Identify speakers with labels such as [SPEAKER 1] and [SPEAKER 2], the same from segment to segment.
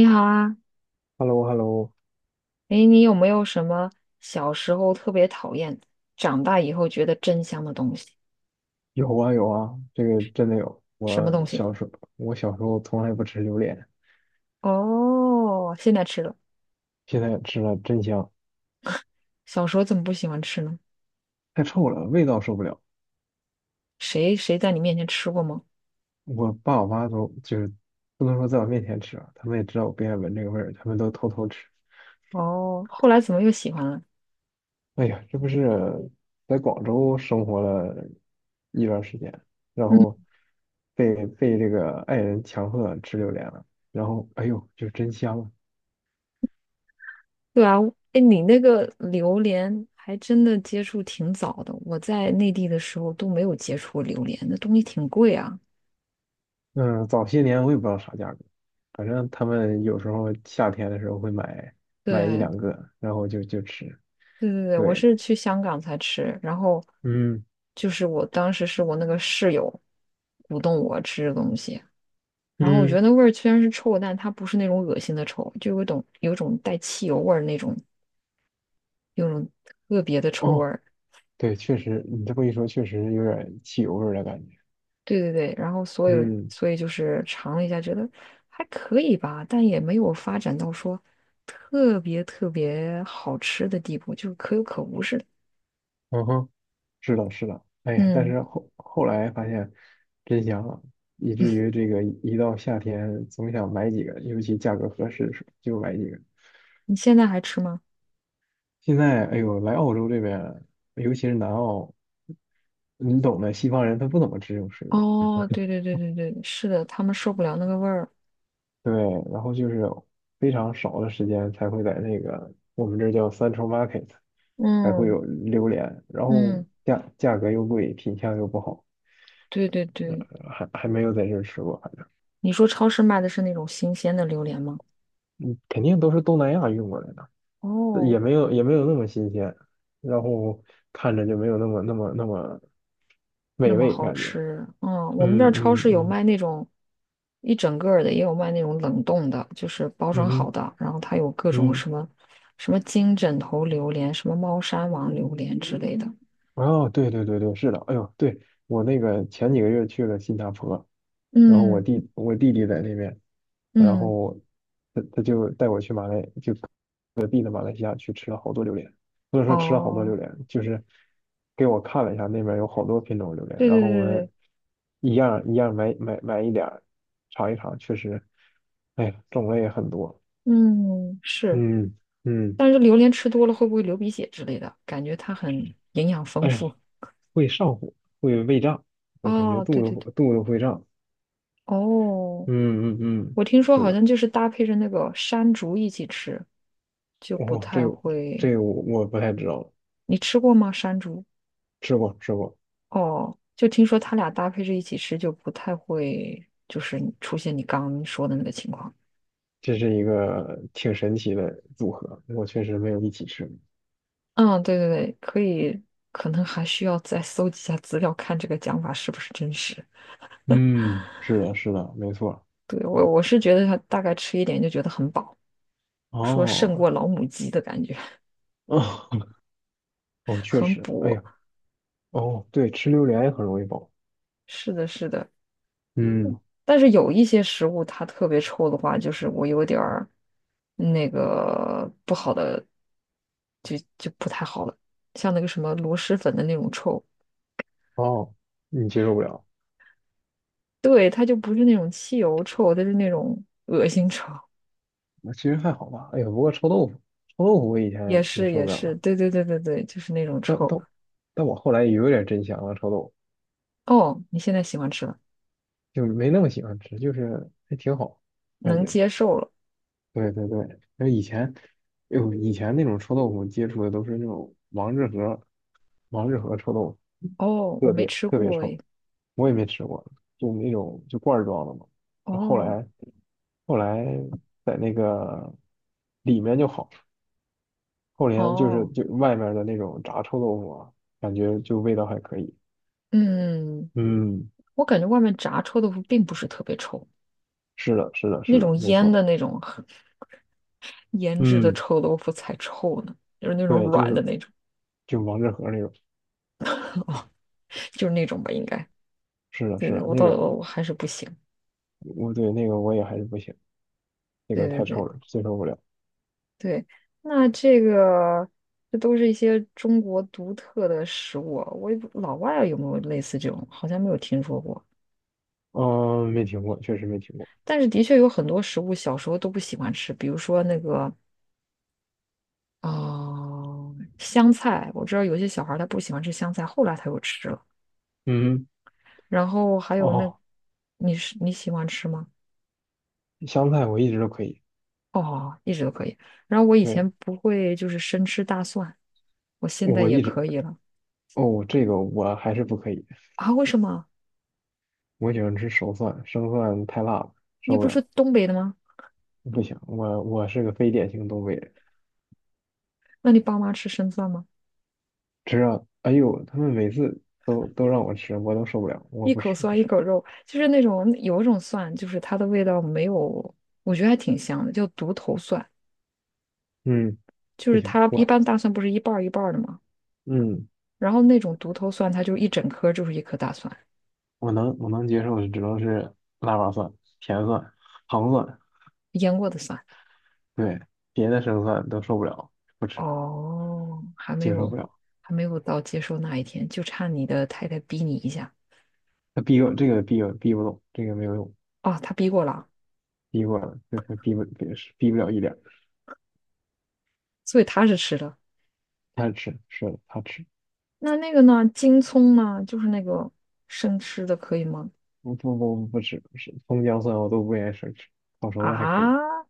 [SPEAKER 1] 你好啊，
[SPEAKER 2] hello hello。
[SPEAKER 1] 诶，你有没有什么小时候特别讨厌，长大以后觉得真香的东西？
[SPEAKER 2] 有啊有啊，这个真的有。
[SPEAKER 1] 什么
[SPEAKER 2] 我
[SPEAKER 1] 东西？
[SPEAKER 2] 小时候，我小时候从来不吃榴莲，
[SPEAKER 1] 哦，现在吃了，
[SPEAKER 2] 现在吃了真香，
[SPEAKER 1] 小时候怎么不喜欢吃呢？
[SPEAKER 2] 太臭了，味道受不了。
[SPEAKER 1] 谁在你面前吃过吗？
[SPEAKER 2] 我爸我妈都就是不能说在我面前吃啊，他们也知道我不愿意闻这个味儿，他们都偷偷吃。
[SPEAKER 1] 哦，后来怎么又喜欢了？
[SPEAKER 2] 哎呀，这不是在广州生活了一段时间，然后
[SPEAKER 1] 嗯，
[SPEAKER 2] 被这个爱人强迫吃榴莲了，然后哎呦，就真香啊！
[SPEAKER 1] 对啊，诶，你那个榴莲还真的接触挺早的，我在内地的时候都没有接触过榴莲，那东西挺贵啊。
[SPEAKER 2] 嗯，早些年我也不知道啥价格，反正他们有时候夏天的时候会买一
[SPEAKER 1] 对，
[SPEAKER 2] 两个，然后就吃。
[SPEAKER 1] 对对对，我
[SPEAKER 2] 对，
[SPEAKER 1] 是去香港才吃，然后
[SPEAKER 2] 嗯
[SPEAKER 1] 就是我当时是我那个室友鼓动我吃这东西，然后我觉得
[SPEAKER 2] 嗯，
[SPEAKER 1] 那味儿虽然是臭，但它不是那种恶心的臭，就有一种带汽油味儿那种，有种特别的臭味
[SPEAKER 2] 哦，
[SPEAKER 1] 儿。
[SPEAKER 2] 对，确实，你这么一说，确实有点汽油味儿的感觉。
[SPEAKER 1] 对对对，然后所有
[SPEAKER 2] 嗯
[SPEAKER 1] 所以就是尝了一下，觉得还可以吧，但也没有发展到说特别特别好吃的地步，就是可有可无似的。
[SPEAKER 2] 嗯哼，是的，是的。哎呀，但
[SPEAKER 1] 嗯，
[SPEAKER 2] 是后来发现真香啊，以至于这个一到夏天总想买几个，尤其价格合适的时候就买几个。
[SPEAKER 1] 你现在还吃吗？
[SPEAKER 2] 现在，哎呦，来澳洲这边，尤其是南澳，你懂的，西方人他不怎么吃这种水果，
[SPEAKER 1] 哦，对对对对对，是的，他们受不了那个味儿。
[SPEAKER 2] 对，然后就是非常少的时间才会在那个我们这儿叫 Central Market， 才会
[SPEAKER 1] 嗯
[SPEAKER 2] 有榴莲，然后
[SPEAKER 1] 嗯，
[SPEAKER 2] 价格又贵，品相又不好，
[SPEAKER 1] 对对
[SPEAKER 2] 呃，
[SPEAKER 1] 对，
[SPEAKER 2] 还没有在这儿吃过，反正
[SPEAKER 1] 你说超市卖的是那种新鲜的榴莲吗？
[SPEAKER 2] 嗯肯定都是东南亚运过来的，
[SPEAKER 1] 哦，
[SPEAKER 2] 也没有那么新鲜，然后看着就没有那么
[SPEAKER 1] 那
[SPEAKER 2] 美
[SPEAKER 1] 么
[SPEAKER 2] 味
[SPEAKER 1] 好
[SPEAKER 2] 感觉，
[SPEAKER 1] 吃，嗯，我们这儿
[SPEAKER 2] 嗯
[SPEAKER 1] 超
[SPEAKER 2] 嗯
[SPEAKER 1] 市有
[SPEAKER 2] 嗯
[SPEAKER 1] 卖那种一整个儿的，也有卖那种冷冻的，就是包
[SPEAKER 2] 嗯
[SPEAKER 1] 装好
[SPEAKER 2] 哼
[SPEAKER 1] 的，然后它有各种
[SPEAKER 2] 嗯。
[SPEAKER 1] 什么金枕头榴莲、什么猫山王榴莲之类的。
[SPEAKER 2] 哦，对对对对，是的，哎呦，对，我那个前几个月去了新加坡，然后我
[SPEAKER 1] 嗯
[SPEAKER 2] 弟我弟弟在那边，然
[SPEAKER 1] 嗯，
[SPEAKER 2] 后他就带我去马来，就隔壁的马来西亚去吃了好多榴莲，不能说吃了好多榴
[SPEAKER 1] 哦，
[SPEAKER 2] 莲，就是给我看了一下那边有好多品种榴莲，
[SPEAKER 1] 对
[SPEAKER 2] 然
[SPEAKER 1] 对
[SPEAKER 2] 后
[SPEAKER 1] 对
[SPEAKER 2] 我
[SPEAKER 1] 对对，
[SPEAKER 2] 们一样一样买一点儿尝一尝，确实，哎呀，种类也很多，
[SPEAKER 1] 嗯，是。
[SPEAKER 2] 嗯嗯，
[SPEAKER 1] 但是榴莲吃多了会不会流鼻血之类的？感觉它很营养丰
[SPEAKER 2] 哎
[SPEAKER 1] 富。
[SPEAKER 2] 呀，会上火，会胃胀，我感觉
[SPEAKER 1] 哦，对
[SPEAKER 2] 肚
[SPEAKER 1] 对对，
[SPEAKER 2] 子肚子会胀。
[SPEAKER 1] 哦，
[SPEAKER 2] 嗯嗯嗯，
[SPEAKER 1] 我听说
[SPEAKER 2] 是
[SPEAKER 1] 好
[SPEAKER 2] 的，
[SPEAKER 1] 像就是搭配着那个山竹一起吃，就不
[SPEAKER 2] 哦，这
[SPEAKER 1] 太
[SPEAKER 2] 个
[SPEAKER 1] 会。
[SPEAKER 2] 这个我不太知道，
[SPEAKER 1] 你吃过吗？山竹？
[SPEAKER 2] 吃过吃过，
[SPEAKER 1] 哦，就听说它俩搭配着一起吃，就不太会，就是你出现你刚刚说的那个情况。
[SPEAKER 2] 这是一个挺神奇的组合，我确实没有一起吃过。
[SPEAKER 1] 嗯，对对对，可以，可能还需要再搜集一下资料，看这个讲法是不是真实。
[SPEAKER 2] 嗯，是的，是的，没错。
[SPEAKER 1] 对，我是觉得它大概吃一点就觉得很饱。说胜
[SPEAKER 2] 哦，
[SPEAKER 1] 过老母鸡的感觉，
[SPEAKER 2] 哦，哦，确
[SPEAKER 1] 很
[SPEAKER 2] 实，哎
[SPEAKER 1] 补。
[SPEAKER 2] 呀，哦，对，吃榴莲也很容易饱。
[SPEAKER 1] 是的，是的。
[SPEAKER 2] 嗯，
[SPEAKER 1] 但是有一些食物它特别臭的话，就是我有点儿那个不好的，就不太好了。像那个什么螺蛳粉的那种臭，
[SPEAKER 2] 哦，你接受不了，
[SPEAKER 1] 对，它就不是那种汽油臭，它是那种恶心臭。
[SPEAKER 2] 那其实还好吧。哎呀，不过臭豆腐，我以
[SPEAKER 1] 也
[SPEAKER 2] 前也
[SPEAKER 1] 是
[SPEAKER 2] 受
[SPEAKER 1] 也
[SPEAKER 2] 不了
[SPEAKER 1] 是，
[SPEAKER 2] 了，
[SPEAKER 1] 对对对对对，就是那种
[SPEAKER 2] 但
[SPEAKER 1] 臭。
[SPEAKER 2] 但但我后来也有点真香了，臭豆腐
[SPEAKER 1] 哦，你现在喜欢吃了，
[SPEAKER 2] 就没那么喜欢吃，就是还挺好，感
[SPEAKER 1] 能
[SPEAKER 2] 觉。
[SPEAKER 1] 接受了。
[SPEAKER 2] 对对对，那以前，哎呦，以前那种臭豆腐接触的都是那种王致和，王致和臭豆腐，
[SPEAKER 1] 哦，我
[SPEAKER 2] 特
[SPEAKER 1] 没
[SPEAKER 2] 别
[SPEAKER 1] 吃
[SPEAKER 2] 特别
[SPEAKER 1] 过诶。
[SPEAKER 2] 臭，我也没吃过，就那种就罐儿装的嘛。然后后
[SPEAKER 1] 哦
[SPEAKER 2] 来后来在那个里面就好，后来就是
[SPEAKER 1] 哦，
[SPEAKER 2] 就外面的那种炸臭豆腐啊，感觉就味道还可以。
[SPEAKER 1] 嗯。
[SPEAKER 2] 嗯，
[SPEAKER 1] 我感觉外面炸臭豆腐并不是特别臭，
[SPEAKER 2] 是的，是的，
[SPEAKER 1] 那
[SPEAKER 2] 是的，
[SPEAKER 1] 种
[SPEAKER 2] 没
[SPEAKER 1] 腌
[SPEAKER 2] 错。
[SPEAKER 1] 的那种很腌制的
[SPEAKER 2] 嗯，
[SPEAKER 1] 臭豆腐才臭呢，就是那种
[SPEAKER 2] 对，就
[SPEAKER 1] 软的
[SPEAKER 2] 是
[SPEAKER 1] 那种，
[SPEAKER 2] 就王致和那种，
[SPEAKER 1] 就是那种吧，应该。
[SPEAKER 2] 是的，
[SPEAKER 1] 对
[SPEAKER 2] 是
[SPEAKER 1] 对，
[SPEAKER 2] 的，
[SPEAKER 1] 我
[SPEAKER 2] 那
[SPEAKER 1] 到
[SPEAKER 2] 种，
[SPEAKER 1] 我我还是不行。
[SPEAKER 2] 我对那个我也还是不行。那
[SPEAKER 1] 对
[SPEAKER 2] 个
[SPEAKER 1] 对
[SPEAKER 2] 太臭
[SPEAKER 1] 对
[SPEAKER 2] 了，接受不了。
[SPEAKER 1] 对，那这个这都是一些中国独特的食物，我也不老外啊有没有类似这种，好像没有听说过。
[SPEAKER 2] 嗯，没听过，确实没听过。
[SPEAKER 1] 但是的确有很多食物小时候都不喜欢吃，比如说那个啊、香菜，我知道有些小孩儿他不喜欢吃香菜，后来他又吃了。
[SPEAKER 2] 嗯，
[SPEAKER 1] 然后还有那，
[SPEAKER 2] 哦，
[SPEAKER 1] 你喜欢吃吗？
[SPEAKER 2] 香菜我一直都可以，
[SPEAKER 1] 哦，一直都可以。然后我以
[SPEAKER 2] 对，
[SPEAKER 1] 前不会就是生吃大蒜，我现在
[SPEAKER 2] 我
[SPEAKER 1] 也
[SPEAKER 2] 一直，
[SPEAKER 1] 可以了
[SPEAKER 2] 哦，这个我还是不可以。
[SPEAKER 1] 啊？为什么？
[SPEAKER 2] 我喜欢吃熟蒜，生蒜太辣了，
[SPEAKER 1] 你
[SPEAKER 2] 受不
[SPEAKER 1] 不
[SPEAKER 2] 了，
[SPEAKER 1] 是东北的吗？
[SPEAKER 2] 不行。我是个非典型东北人，
[SPEAKER 1] 那你爸妈吃生蒜吗？
[SPEAKER 2] 只要，哎呦，他们每次都让我吃，我都受不了，我
[SPEAKER 1] 一
[SPEAKER 2] 不
[SPEAKER 1] 口
[SPEAKER 2] 吃不
[SPEAKER 1] 蒜一
[SPEAKER 2] 吃，
[SPEAKER 1] 口肉，就是那种有一种蒜，就是它的味道没有，我觉得还挺香的，叫独头蒜。
[SPEAKER 2] 嗯，
[SPEAKER 1] 就
[SPEAKER 2] 不
[SPEAKER 1] 是
[SPEAKER 2] 行，
[SPEAKER 1] 它一
[SPEAKER 2] 我，
[SPEAKER 1] 般大蒜不是一半儿一半儿的吗？
[SPEAKER 2] 嗯，
[SPEAKER 1] 然后那种独头蒜，它就一整颗就是一颗大蒜，
[SPEAKER 2] 我能接受的只能是腊八蒜、甜蒜、糖蒜，
[SPEAKER 1] 腌过的蒜。
[SPEAKER 2] 对，别的生蒜都受不了，不吃，
[SPEAKER 1] 哦，还没
[SPEAKER 2] 接受
[SPEAKER 1] 有，
[SPEAKER 2] 不了。
[SPEAKER 1] 还没有到接受那一天，就差你的太太逼你一下。
[SPEAKER 2] 他逼我这个逼我逼不动，这个没有用，
[SPEAKER 1] 哦，她逼过了，
[SPEAKER 2] 逼过了，这他逼不逼是逼不了一点儿，
[SPEAKER 1] 所以她是吃的。
[SPEAKER 2] 他吃是的，他吃，
[SPEAKER 1] 那那个呢？京葱呢？就是那个生吃的，可以吗？
[SPEAKER 2] 不不不，不吃，是葱姜蒜我都不愿意生吃，炒熟了还可以。
[SPEAKER 1] 啊，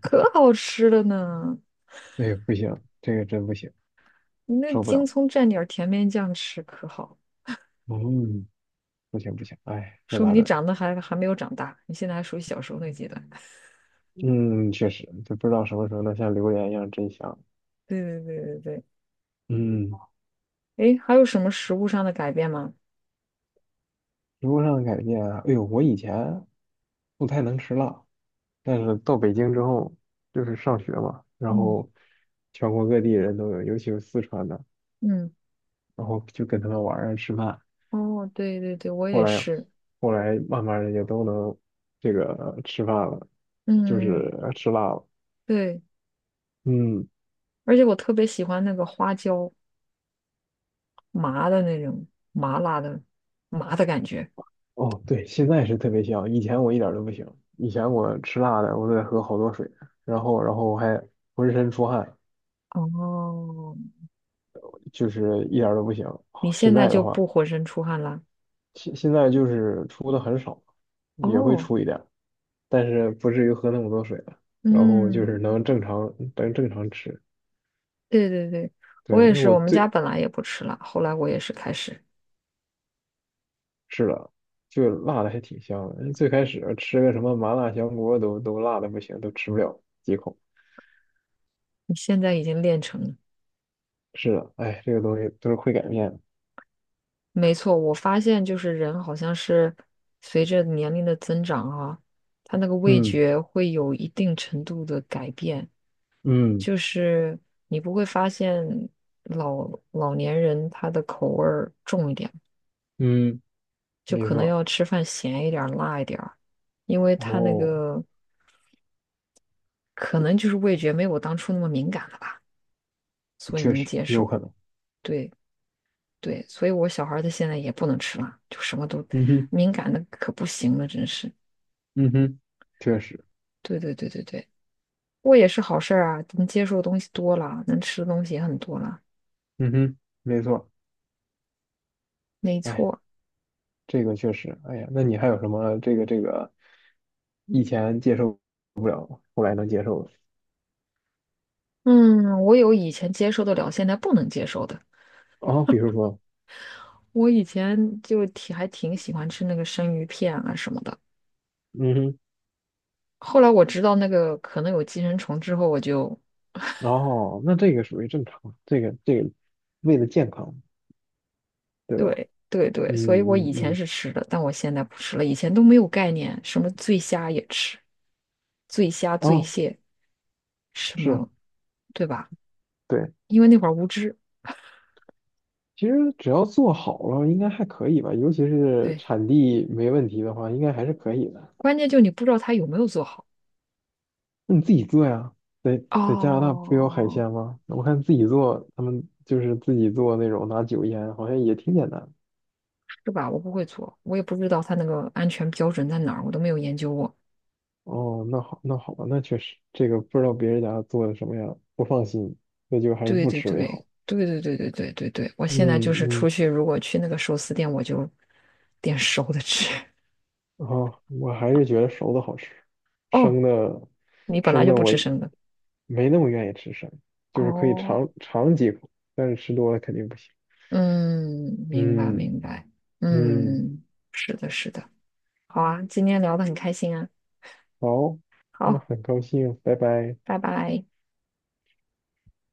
[SPEAKER 1] 可好吃了呢！
[SPEAKER 2] 哎呦，不行，这个真不行，
[SPEAKER 1] 你那
[SPEAKER 2] 受不
[SPEAKER 1] 京
[SPEAKER 2] 了。
[SPEAKER 1] 葱蘸点儿甜面酱吃可好，
[SPEAKER 2] 嗯，不行不行，哎，这
[SPEAKER 1] 说明
[SPEAKER 2] 咋
[SPEAKER 1] 你
[SPEAKER 2] 整？
[SPEAKER 1] 长得还没有长大，你现在还属于小时候那阶段。
[SPEAKER 2] 嗯，确实，就不知道什么时候能像榴莲一样真香。
[SPEAKER 1] 对对对对对。
[SPEAKER 2] 嗯，
[SPEAKER 1] 诶，还有什么食物上的改变吗？
[SPEAKER 2] 食物上的改变啊，哎呦，我以前不太能吃辣，但是到北京之后，就是上学嘛，然
[SPEAKER 1] 嗯
[SPEAKER 2] 后全国各地人都有，尤其是四川的。
[SPEAKER 1] 嗯，
[SPEAKER 2] 然后就跟他们玩儿啊吃饭。
[SPEAKER 1] 哦，对对对，我
[SPEAKER 2] 后
[SPEAKER 1] 也
[SPEAKER 2] 来，
[SPEAKER 1] 是。
[SPEAKER 2] 后来慢慢的也都能这个吃饭了，就是
[SPEAKER 1] 嗯，嗯嗯
[SPEAKER 2] 吃辣了。
[SPEAKER 1] 对。
[SPEAKER 2] 嗯，
[SPEAKER 1] 而且我特别喜欢那个花椒麻的那种麻辣的麻的感觉。
[SPEAKER 2] 哦，对，现在是特别香，以前我一点儿都不行。以前我吃辣的，我得喝好多水，然后我还浑身出汗，
[SPEAKER 1] 哦，
[SPEAKER 2] 就是一点儿都不行。
[SPEAKER 1] 你
[SPEAKER 2] 现
[SPEAKER 1] 现在
[SPEAKER 2] 在的
[SPEAKER 1] 就
[SPEAKER 2] 话，
[SPEAKER 1] 不浑身出汗了？
[SPEAKER 2] 现在就是出的很少，也会
[SPEAKER 1] 哦，
[SPEAKER 2] 出一点儿，但是不至于喝那么多水了。然后就
[SPEAKER 1] 嗯，
[SPEAKER 2] 是能正常吃。
[SPEAKER 1] 对对对，
[SPEAKER 2] 对，
[SPEAKER 1] 我也
[SPEAKER 2] 因为
[SPEAKER 1] 是，
[SPEAKER 2] 我
[SPEAKER 1] 我们家
[SPEAKER 2] 最
[SPEAKER 1] 本来也不吃辣，后来我也是开始，
[SPEAKER 2] 是的，就辣的还挺香的。最开始吃个什么麻辣香锅都辣的不行，都吃不了几口。
[SPEAKER 1] 你现在已经练成了。
[SPEAKER 2] 是的，哎，这个东西都是会改变的。
[SPEAKER 1] 没错，我发现就是人好像是随着年龄的增长啊，他那个味
[SPEAKER 2] 嗯
[SPEAKER 1] 觉会有一定程度的改变。
[SPEAKER 2] 嗯
[SPEAKER 1] 就是你不会发现老年人他的口味儿重一点，
[SPEAKER 2] 嗯，
[SPEAKER 1] 就
[SPEAKER 2] 没
[SPEAKER 1] 可能
[SPEAKER 2] 错。
[SPEAKER 1] 要吃饭咸一点儿、辣一点儿，因为他那
[SPEAKER 2] 哦，
[SPEAKER 1] 个可能就是味觉没有我当初那么敏感了吧，所以
[SPEAKER 2] 确
[SPEAKER 1] 能
[SPEAKER 2] 实
[SPEAKER 1] 接
[SPEAKER 2] 有
[SPEAKER 1] 受。
[SPEAKER 2] 可能。
[SPEAKER 1] 对对，所以我小孩儿他现在也不能吃辣，就什么都
[SPEAKER 2] 嗯哼
[SPEAKER 1] 敏感的可不行了，真是。
[SPEAKER 2] 嗯哼，确实。
[SPEAKER 1] 对对对对对，过也是好事儿啊，能接受的东西多了，能吃的东西也很多了，
[SPEAKER 2] 嗯哼，没错。
[SPEAKER 1] 没
[SPEAKER 2] 哎，
[SPEAKER 1] 错。
[SPEAKER 2] 这个确实。哎呀，那你还有什么这个以前接受后来能接受的？
[SPEAKER 1] 嗯，我有以前接受得了，现在不能接受的。
[SPEAKER 2] 哦，比如说，
[SPEAKER 1] 我以前就挺还挺喜欢吃那个生鱼片啊什么的，
[SPEAKER 2] 嗯哼，
[SPEAKER 1] 后来我知道那个可能有寄生虫之后，我就
[SPEAKER 2] 然后，那这个属于正常，这个为了健康，对吧？
[SPEAKER 1] 对对对，
[SPEAKER 2] 嗯
[SPEAKER 1] 所以我
[SPEAKER 2] 嗯
[SPEAKER 1] 以前
[SPEAKER 2] 嗯，
[SPEAKER 1] 是吃的，但我现在不吃了。以前都没有概念，什么醉虾也吃，醉虾、醉
[SPEAKER 2] 哦，
[SPEAKER 1] 蟹什
[SPEAKER 2] 是，
[SPEAKER 1] 么，对吧？
[SPEAKER 2] 对，
[SPEAKER 1] 因为那会儿无知，
[SPEAKER 2] 其实只要做好了，应该还可以吧，尤其是
[SPEAKER 1] 对，
[SPEAKER 2] 产地没问题的话，应该还是可以的。
[SPEAKER 1] 关键就你不知道它有没有做好
[SPEAKER 2] 那你自己做呀，在加拿大不有海
[SPEAKER 1] 哦，
[SPEAKER 2] 鲜吗？我看自己做，他们就是自己做那种拿酒腌，好像也挺简单。
[SPEAKER 1] 是吧？我不会做，我也不知道它那个安全标准在哪儿，我都没有研究过。
[SPEAKER 2] 哦，那好，那好吧，那确实，这个不知道别人家做的什么样，不放心，那就还是
[SPEAKER 1] 对
[SPEAKER 2] 不
[SPEAKER 1] 对
[SPEAKER 2] 吃为
[SPEAKER 1] 对
[SPEAKER 2] 好。
[SPEAKER 1] 对对对对对对对，我现在
[SPEAKER 2] 嗯
[SPEAKER 1] 就是出
[SPEAKER 2] 嗯。
[SPEAKER 1] 去，如果去那个寿司店，我就点熟的吃。
[SPEAKER 2] 然后我还是觉得熟的好吃，
[SPEAKER 1] 哦，
[SPEAKER 2] 生的
[SPEAKER 1] 你本来
[SPEAKER 2] 生
[SPEAKER 1] 就
[SPEAKER 2] 的
[SPEAKER 1] 不
[SPEAKER 2] 我
[SPEAKER 1] 吃生的。
[SPEAKER 2] 没那么愿意吃生，就是可以
[SPEAKER 1] 哦，
[SPEAKER 2] 尝尝几口，但是吃多了肯定不行。
[SPEAKER 1] 嗯，明白
[SPEAKER 2] 嗯
[SPEAKER 1] 明白，
[SPEAKER 2] 嗯，
[SPEAKER 1] 嗯，是的，是的，好啊，今天聊的很开心啊，
[SPEAKER 2] 好，那
[SPEAKER 1] 好，
[SPEAKER 2] 很高兴，拜拜。
[SPEAKER 1] 拜拜。